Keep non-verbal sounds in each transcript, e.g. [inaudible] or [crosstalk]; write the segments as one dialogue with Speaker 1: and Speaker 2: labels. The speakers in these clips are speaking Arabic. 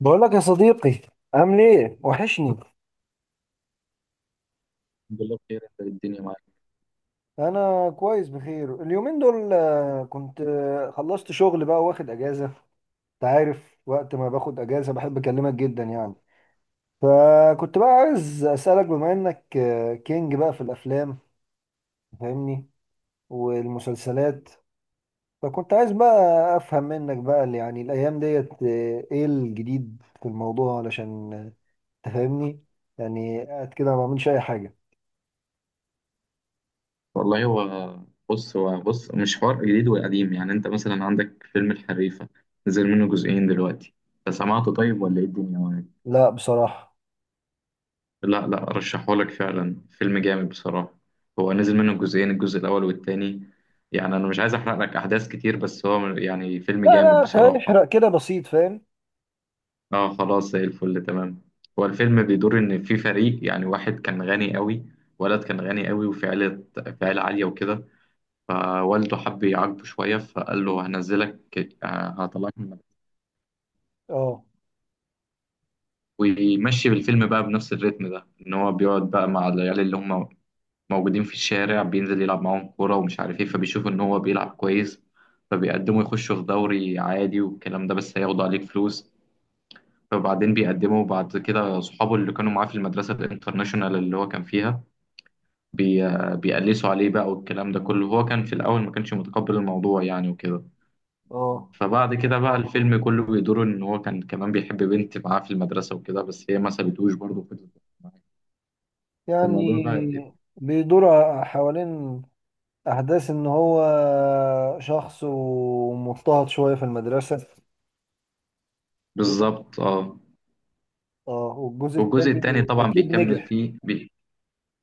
Speaker 1: بقول لك يا صديقي، عامل ايه؟ وحشني.
Speaker 2: الحمد لله بخير. انت إيه الدنيا معاك؟
Speaker 1: انا كويس، بخير. اليومين دول كنت خلصت شغل، بقى واخد اجازه. انت عارف وقت ما باخد اجازه بحب اكلمك جدا يعني. فكنت بقى عايز اسالك، بما انك كينج بقى في الافلام، فاهمني، والمسلسلات. فكنت عايز بقى افهم منك بقى اللي يعني الايام ديت ايه الجديد في الموضوع، علشان تفهمني يعني. قاعد كده ما بعملش اي حاجه.
Speaker 2: والله هو، بص مش حوار جديد وقديم. يعني انت مثلا عندك فيلم الحريفة، نزل منه جزئين دلوقتي. انت سمعته طيب ولا ايه الدنيا معاك؟
Speaker 1: لا بصراحه.
Speaker 2: لا لا، رشحهولك فعلا، فيلم جامد بصراحة. هو نزل منه جزئين، الجزء الاول والتاني. يعني انا مش عايز احرق لك احداث كتير، بس هو يعني فيلم
Speaker 1: لا
Speaker 2: جامد
Speaker 1: لا يحرق،
Speaker 2: بصراحة.
Speaker 1: يحرق كده بسيط، فاهم.
Speaker 2: اه، خلاص زي الفل، تمام. هو الفيلم بيدور ان في فريق، يعني واحد كان غني قوي، ولد كان غني قوي، وفي عيلة، في عيلة عالية وكده. فوالده حب يعاقبه شوية، فقال له هنزلك، آه، هطلعك من المدرسة.
Speaker 1: اه.
Speaker 2: ويمشي بالفيلم بقى بنفس الريتم ده، إن هو بيقعد بقى مع العيال اللي هم موجودين في الشارع، بينزل يلعب معاهم كورة ومش عارف إيه. فبيشوفوا إن هو بيلعب كويس، فبيقدموا يخشوا في دوري عادي والكلام ده، بس هياخدوا عليك فلوس. فبعدين بيقدموا بعد كده صحابه اللي كانوا معاه في المدرسة الانترناشونال اللي هو كان فيها، بي... بيقلسوا عليه بقى والكلام ده كله. هو كان في الأول ما كانش متقبل الموضوع يعني وكده.
Speaker 1: اه
Speaker 2: فبعد كده بقى الفيلم كله بيدور ان هو كان كمان بيحب بنت معاه في المدرسة وكده، بس هي ما سابتهوش برضه، فضلت معاه. الموضوع بقى
Speaker 1: يعني
Speaker 2: إيه؟
Speaker 1: بيدور حوالين احداث ان هو شخص ومضطهد شويه في المدرسه وكده.
Speaker 2: بالظبط اه.
Speaker 1: اه. والجزء
Speaker 2: والجزء التاني
Speaker 1: الثاني
Speaker 2: طبعا
Speaker 1: اكيد
Speaker 2: بيكمل
Speaker 1: نجح.
Speaker 2: فيه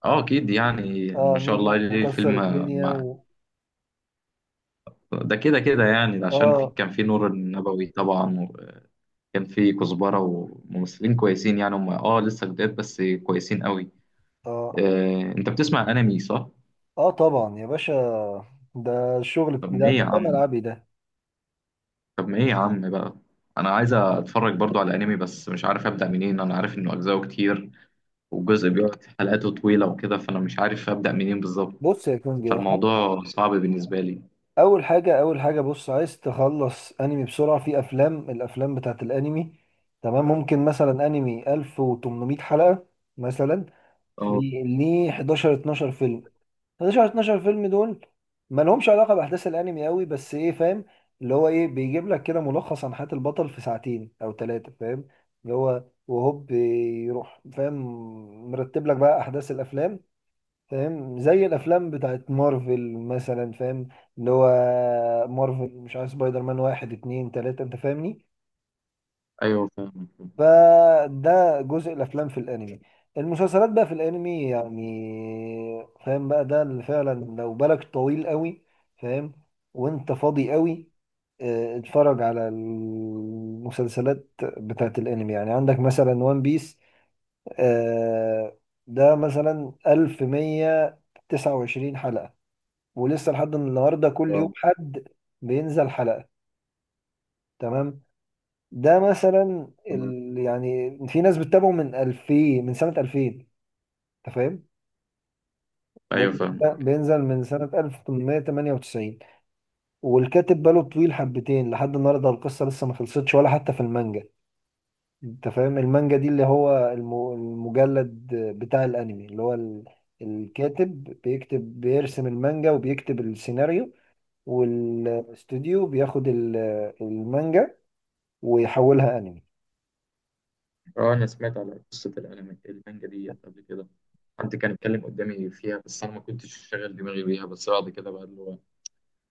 Speaker 2: اه اكيد. يعني ما
Speaker 1: اه،
Speaker 2: شاء الله
Speaker 1: نجح
Speaker 2: ليه الفيلم.
Speaker 1: وكسر الدنيا
Speaker 2: مع ده كده كده، يعني ده عشان في
Speaker 1: اه.
Speaker 2: كان في نور النبوي طبعا، وكان في كزبرة وممثلين كويسين، يعني هم اه لسه جداد بس كويسين قوي.
Speaker 1: اه.
Speaker 2: آه، انت بتسمع انمي صح؟
Speaker 1: اه طبعا يا باشا، ده الشغل
Speaker 2: طب ما ايه يا
Speaker 1: ده
Speaker 2: عم،
Speaker 1: ملعبي ده.
Speaker 2: بقى انا عايز اتفرج برضو على انمي، بس مش عارف ابدا منين. انا عارف انه اجزاءه كتير، والجزء بيقعد حلقاته طويله وكده، فانا مش عارف ابدا منين بالظبط.
Speaker 1: بص يا كونجي،
Speaker 2: فالموضوع صعب بالنسبه لي.
Speaker 1: اول حاجه بص، عايز تخلص انمي بسرعه، في افلام، الافلام بتاعت الانمي. تمام. ممكن مثلا انمي 1800 حلقه مثلا، في
Speaker 2: اه،
Speaker 1: ليه 11 12 فيلم. 11 12 فيلم دول ما لهمش علاقه باحداث الانمي قوي، بس ايه فاهم، اللي هو ايه، بيجيب لك كده ملخص عن حياه البطل في ساعتين او ثلاثه، فاهم. اللي هو وهوب يروح، فاهم، مرتب لك بقى احداث الافلام، فاهم، زي الافلام بتاعت مارفل مثلا، فاهم. اللي هو مارفل مش عارف سبايدر مان واحد اتنين تلاتة، انت فاهمني.
Speaker 2: ايوه فاهمك.
Speaker 1: فده جزء الافلام في الانمي. المسلسلات بقى في الانمي يعني، فاهم بقى، ده اللي فعلا لو بالك طويل قوي، فاهم، وانت فاضي قوي، اه، اتفرج على المسلسلات بتاعت الانمي. يعني عندك مثلا وان بيس، اه، ده مثلا 1129 حلقة، ولسه لحد النهارده كل يوم
Speaker 2: اه
Speaker 1: حد بينزل حلقة. تمام. ده مثلا
Speaker 2: تمام،
Speaker 1: يعني في ناس بتتابعه من سنة 2000، انت فاهم. ده
Speaker 2: ايوه فاهم.
Speaker 1: بينزل من سنة 1898، والكاتب باله طويل حبتين، لحد النهارده القصة لسه ما خلصتش ولا حتى في المانجا. انت فاهم المانجا دي اللي هو المجلد بتاع الانمي اللي هو الكاتب بيكتب، بيرسم المانجا وبيكتب السيناريو، والاستوديو بياخد المانجا ويحولها انمي.
Speaker 2: اه، انا سمعت على قصه الانمي المانجا دي قبل كده، حد كان اتكلم قدامي فيها، بس انا ما كنتش شاغل دماغي بيها. بس بعد كده بقى اللي هو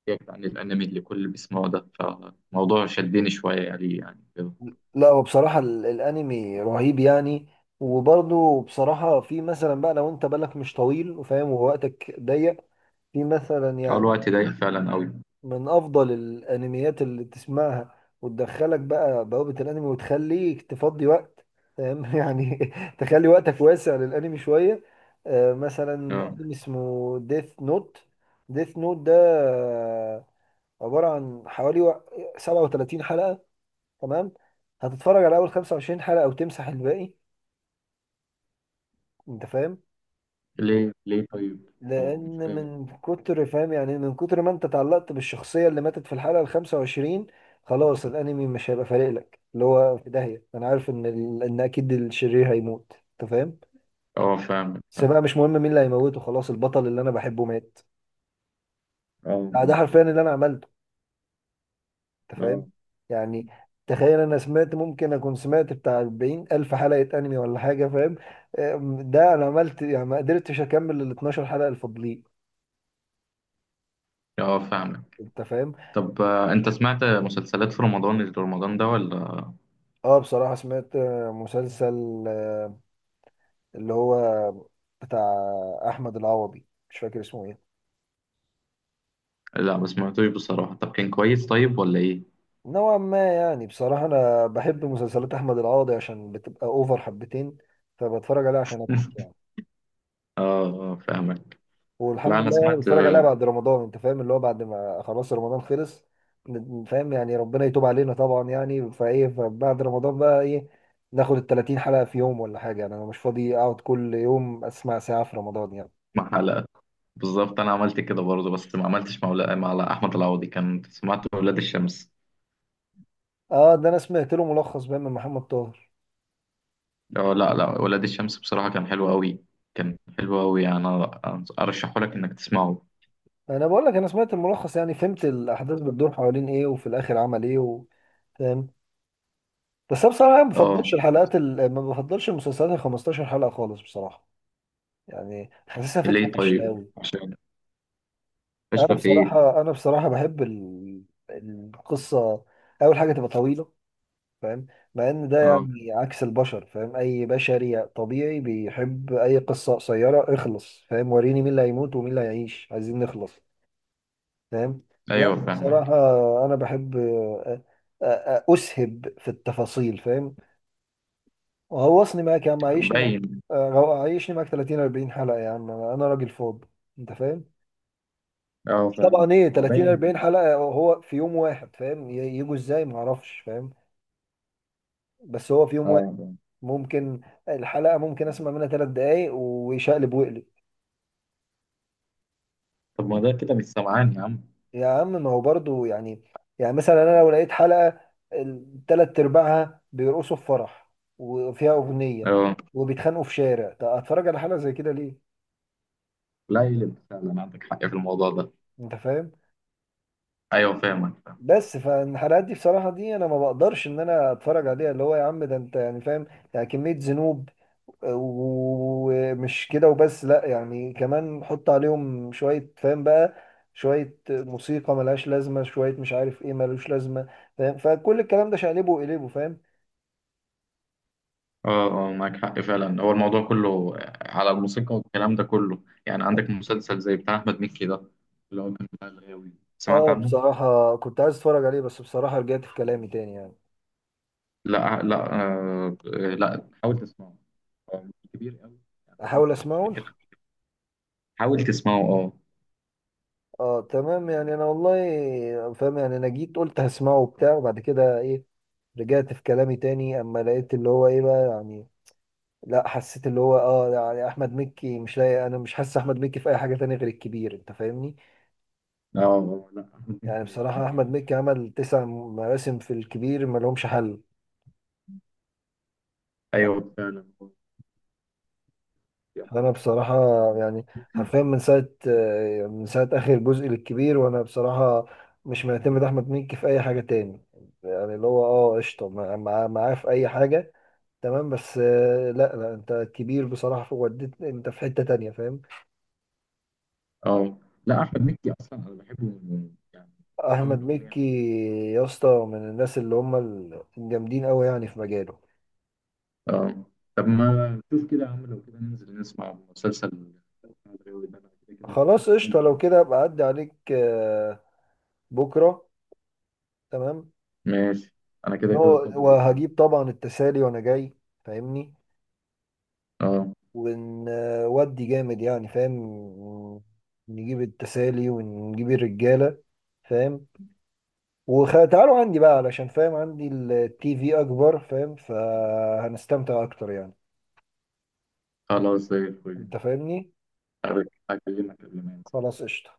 Speaker 2: يبعد عن الانمي اللي كل بيسمعه ده، فالموضوع شدني شويه يعني، كده.
Speaker 1: لا هو بصراحة الانمي رهيب يعني. وبرضه بصراحة في مثلا بقى لو انت بالك مش طويل وفاهم ووقتك ضيق، في مثلا
Speaker 2: اه،
Speaker 1: يعني
Speaker 2: الوقت ضيق فعلا قوي.
Speaker 1: من افضل الانميات اللي تسمعها وتدخلك بقى بوابة الانمي وتخليك تفضي وقت، فاهم [laughs] يعني تخلي وقتك واسع للانمي شوية. مثلا
Speaker 2: اه،
Speaker 1: انمي اسمه ديث نوت. ديث نوت ده عبارة عن حوالي 37 حلقة. تمام. هتتفرج على اول 25 حلقة او تمسح الباقي، انت فاهم.
Speaker 2: ليه طيب؟ أو مش
Speaker 1: لان
Speaker 2: فاهم.
Speaker 1: من كتر فاهم يعني إيه؟ من كتر ما انت تعلقت بالشخصية اللي ماتت في الحلقة ال 25، خلاص الانمي مش هيبقى فارق لك، اللي هو في داهية، انا عارف ان ان اكيد الشرير هيموت، انت فاهم.
Speaker 2: اه فاهمك
Speaker 1: بس
Speaker 2: فاهم.
Speaker 1: بقى مش مهم مين اللي هيموته، خلاص البطل اللي انا بحبه مات.
Speaker 2: اه،
Speaker 1: لا ده حرفيا اللي انا عملته، انت
Speaker 2: فهمت.
Speaker 1: فاهم.
Speaker 2: آه.
Speaker 1: يعني تخيل، انا سمعت، ممكن اكون سمعت بتاع 40 الف حلقه انمي ولا حاجه، فاهم. ده انا عملت يعني، ما قدرتش اكمل ال 12 حلقه الفاضلين،
Speaker 2: اه فاهمك.
Speaker 1: انت فاهم.
Speaker 2: طب، انت سمعت مسلسلات في رمضان اللي رمضان ده ولا؟
Speaker 1: اه بصراحه سمعت مسلسل اللي هو بتاع احمد العوضي، مش فاكر اسمه ايه.
Speaker 2: لا، ما سمعتوش بصراحة. طب كان كويس طيب ولا ايه؟
Speaker 1: نوعا ما يعني، بصراحه انا بحب مسلسلات احمد العوضي عشان بتبقى اوفر حبتين، فبتفرج عليها عشان
Speaker 2: [laughs]
Speaker 1: اضحك يعني.
Speaker 2: اه، اه فاهمك. لا
Speaker 1: والحمد
Speaker 2: انا
Speaker 1: لله، يعني
Speaker 2: سمعت،
Speaker 1: بتفرج عليها بعد رمضان، انت فاهم، اللي هو بعد ما خلاص رمضان خلص، فاهم يعني، ربنا يتوب علينا طبعا يعني. فايه، فبعد رمضان بقى ايه، ناخد ال 30 حلقة في يوم ولا حاجة، يعني انا مش فاضي اقعد كل يوم اسمع ساعة في رمضان يعني.
Speaker 2: مع حلقة. بالظبط انا عملت كده برضه، بس ما عملتش مع مع احمد العوضي كان، سمعت ولاد الشمس.
Speaker 1: اه ده انا سمعت له ملخص بقى من محمد طاهر.
Speaker 2: اه لا لا، ولاد الشمس بصراحة كان حلو قوي. كان حلو قوي يعني. انا ارشحه لك انك تسمعه.
Speaker 1: انا بقول لك، انا سمعت الملخص يعني، فهمت الاحداث بتدور حوالين ايه وفي الاخر عمل ايه فاهم. بس انا بصراحة ما
Speaker 2: اه
Speaker 1: بفضلش المسلسلات ال 15 حلقة خالص بصراحة. يعني حاسسها فكرة
Speaker 2: ليه
Speaker 1: فاشلة
Speaker 2: طيب؟
Speaker 1: قوي.
Speaker 2: عشان فاشلة في ايه؟
Speaker 1: انا بصراحه بحب القصه، اول حاجه تبقى طويله، فاهم. مع ان ده
Speaker 2: اه،
Speaker 1: يعني عكس البشر، فاهم، اي بشري طبيعي بيحب اي قصه قصيره، اخلص، فاهم، وريني مين اللي هيموت ومين اللي هيعيش، عايزين نخلص، فاهم. لا
Speaker 2: ايوه فاهمك.
Speaker 1: بصراحه انا بحب أ- اسهب في التفاصيل، فاهم. وغوصني معاك يا عم، عيشني معاك
Speaker 2: باين.
Speaker 1: عيشني معاك 30 40 حلقه يا عم، أنا راجل فاضي، انت فاهم.
Speaker 2: اه فاهمك،
Speaker 1: طبعا ايه
Speaker 2: ما هو
Speaker 1: 30
Speaker 2: باين.
Speaker 1: 40 حلقة هو في يوم واحد فاهم، يجوا ازاي ما اعرفش، فاهم. بس هو في يوم
Speaker 2: اه
Speaker 1: واحد
Speaker 2: آه.
Speaker 1: ممكن، الحلقة اسمع منها 3 دقايق ويشقلب ويقلب.
Speaker 2: طب ما ده كده مش سمعان يا عم.
Speaker 1: يا عم ما هو برضو يعني، يعني مثلا انا لو لقيت حلقة الثلاث ارباعها بيرقصوا في فرح وفيها اغنية
Speaker 2: اه
Speaker 1: وبيتخانقوا في شارع، طب اتفرج على حلقة زي كده ليه،
Speaker 2: لا، يقلب فعلا، عندك حق في الموضوع ده.
Speaker 1: انت فاهم.
Speaker 2: ايوه فاهمك فاهم.
Speaker 1: بس فالحلقات دي بصراحة دي أنا ما بقدرش إن أنا أتفرج عليها، اللي هو يا عم، ده أنت يعني فاهم. يعني كمية ذنوب، ومش كده وبس، لأ يعني كمان حط عليهم شوية، فاهم بقى، شوية موسيقى ملهاش لازمة، شوية مش عارف إيه ملوش لازمة، فاهم، فكل الكلام ده شقلبه وقلبه، فاهم.
Speaker 2: اه اه، معاك حق فعلا. هو الموضوع كله على الموسيقى والكلام ده كله. يعني عندك مسلسل زي بتاع احمد مكي ده، اللي هو كان بتاع الغاوي، سمعت
Speaker 1: اه
Speaker 2: عنه؟
Speaker 1: بصراحة كنت عايز أتفرج عليه، بس بصراحة رجعت في كلامي تاني يعني.
Speaker 2: لا لا، آه، لا حاول تسمعه. هو مش كبير قوي، يعني
Speaker 1: أحاول
Speaker 2: ممكن، مش
Speaker 1: أسمعه.
Speaker 2: فاكر. حاول تسمعه اه.
Speaker 1: اه تمام يعني، انا والله فاهم يعني، انا جيت قلت هسمعه وبتاع، وبعد كده ايه، رجعت في كلامي تاني اما لقيت اللي هو ايه بقى يعني. لا حسيت اللي هو اه، يعني احمد مكي مش لاقي، انا مش حاسس احمد مكي في اي حاجه تانية غير الكبير، انت فاهمني.
Speaker 2: اه لا، احمد
Speaker 1: يعني
Speaker 2: مكي ما
Speaker 1: بصراحه احمد
Speaker 2: بيعملش
Speaker 1: مكي
Speaker 2: حاجة.
Speaker 1: عمل 9 مواسم في الكبير، ما لهمش حل.
Speaker 2: ايوه فعلا هو بيعمل حاجة.
Speaker 1: انا بصراحه يعني حرفيا من ساعه اخر جزء للكبير، وانا بصراحه مش معتمد احمد مكي في اي حاجه تاني. يعني اللي هو اه قشطه معاه في اي حاجه، تمام. بس لا لا، انت كبير بصراحه، وديت انت في حته تانية، فاهم.
Speaker 2: اه لا، احمد مكي اصلا انا بحبه يعني اول
Speaker 1: احمد
Speaker 2: اغنيه.
Speaker 1: مكي يا اسطى من الناس اللي هم الجامدين قوي يعني في مجاله.
Speaker 2: اه طب ما شوف كده يا عم، لو كده ننزل نسمع مسلسل الغاوي ده، انا كده كده ما كنتش
Speaker 1: خلاص قشطه،
Speaker 2: كملت
Speaker 1: لو
Speaker 2: يعني.
Speaker 1: كده ابقى اعدي عليك بكره، تمام.
Speaker 2: ماشي، انا كده كده فاضي بكره برضه.
Speaker 1: وهجيب طبعا التسالي وانا جاي، فاهمني،
Speaker 2: اه
Speaker 1: ونودي جامد يعني فاهم، نجيب التسالي ونجيب الرجالة، فاهم، وتعالوا عندي بقى علشان فاهم عندي التي في أكبر، فاهم، فهنستمتع أكتر يعني.
Speaker 2: خلاص زي الفل.
Speaker 1: أنت فاهمني؟
Speaker 2: هكلمك قبل ما انسى يعني.
Speaker 1: خلاص قشطة.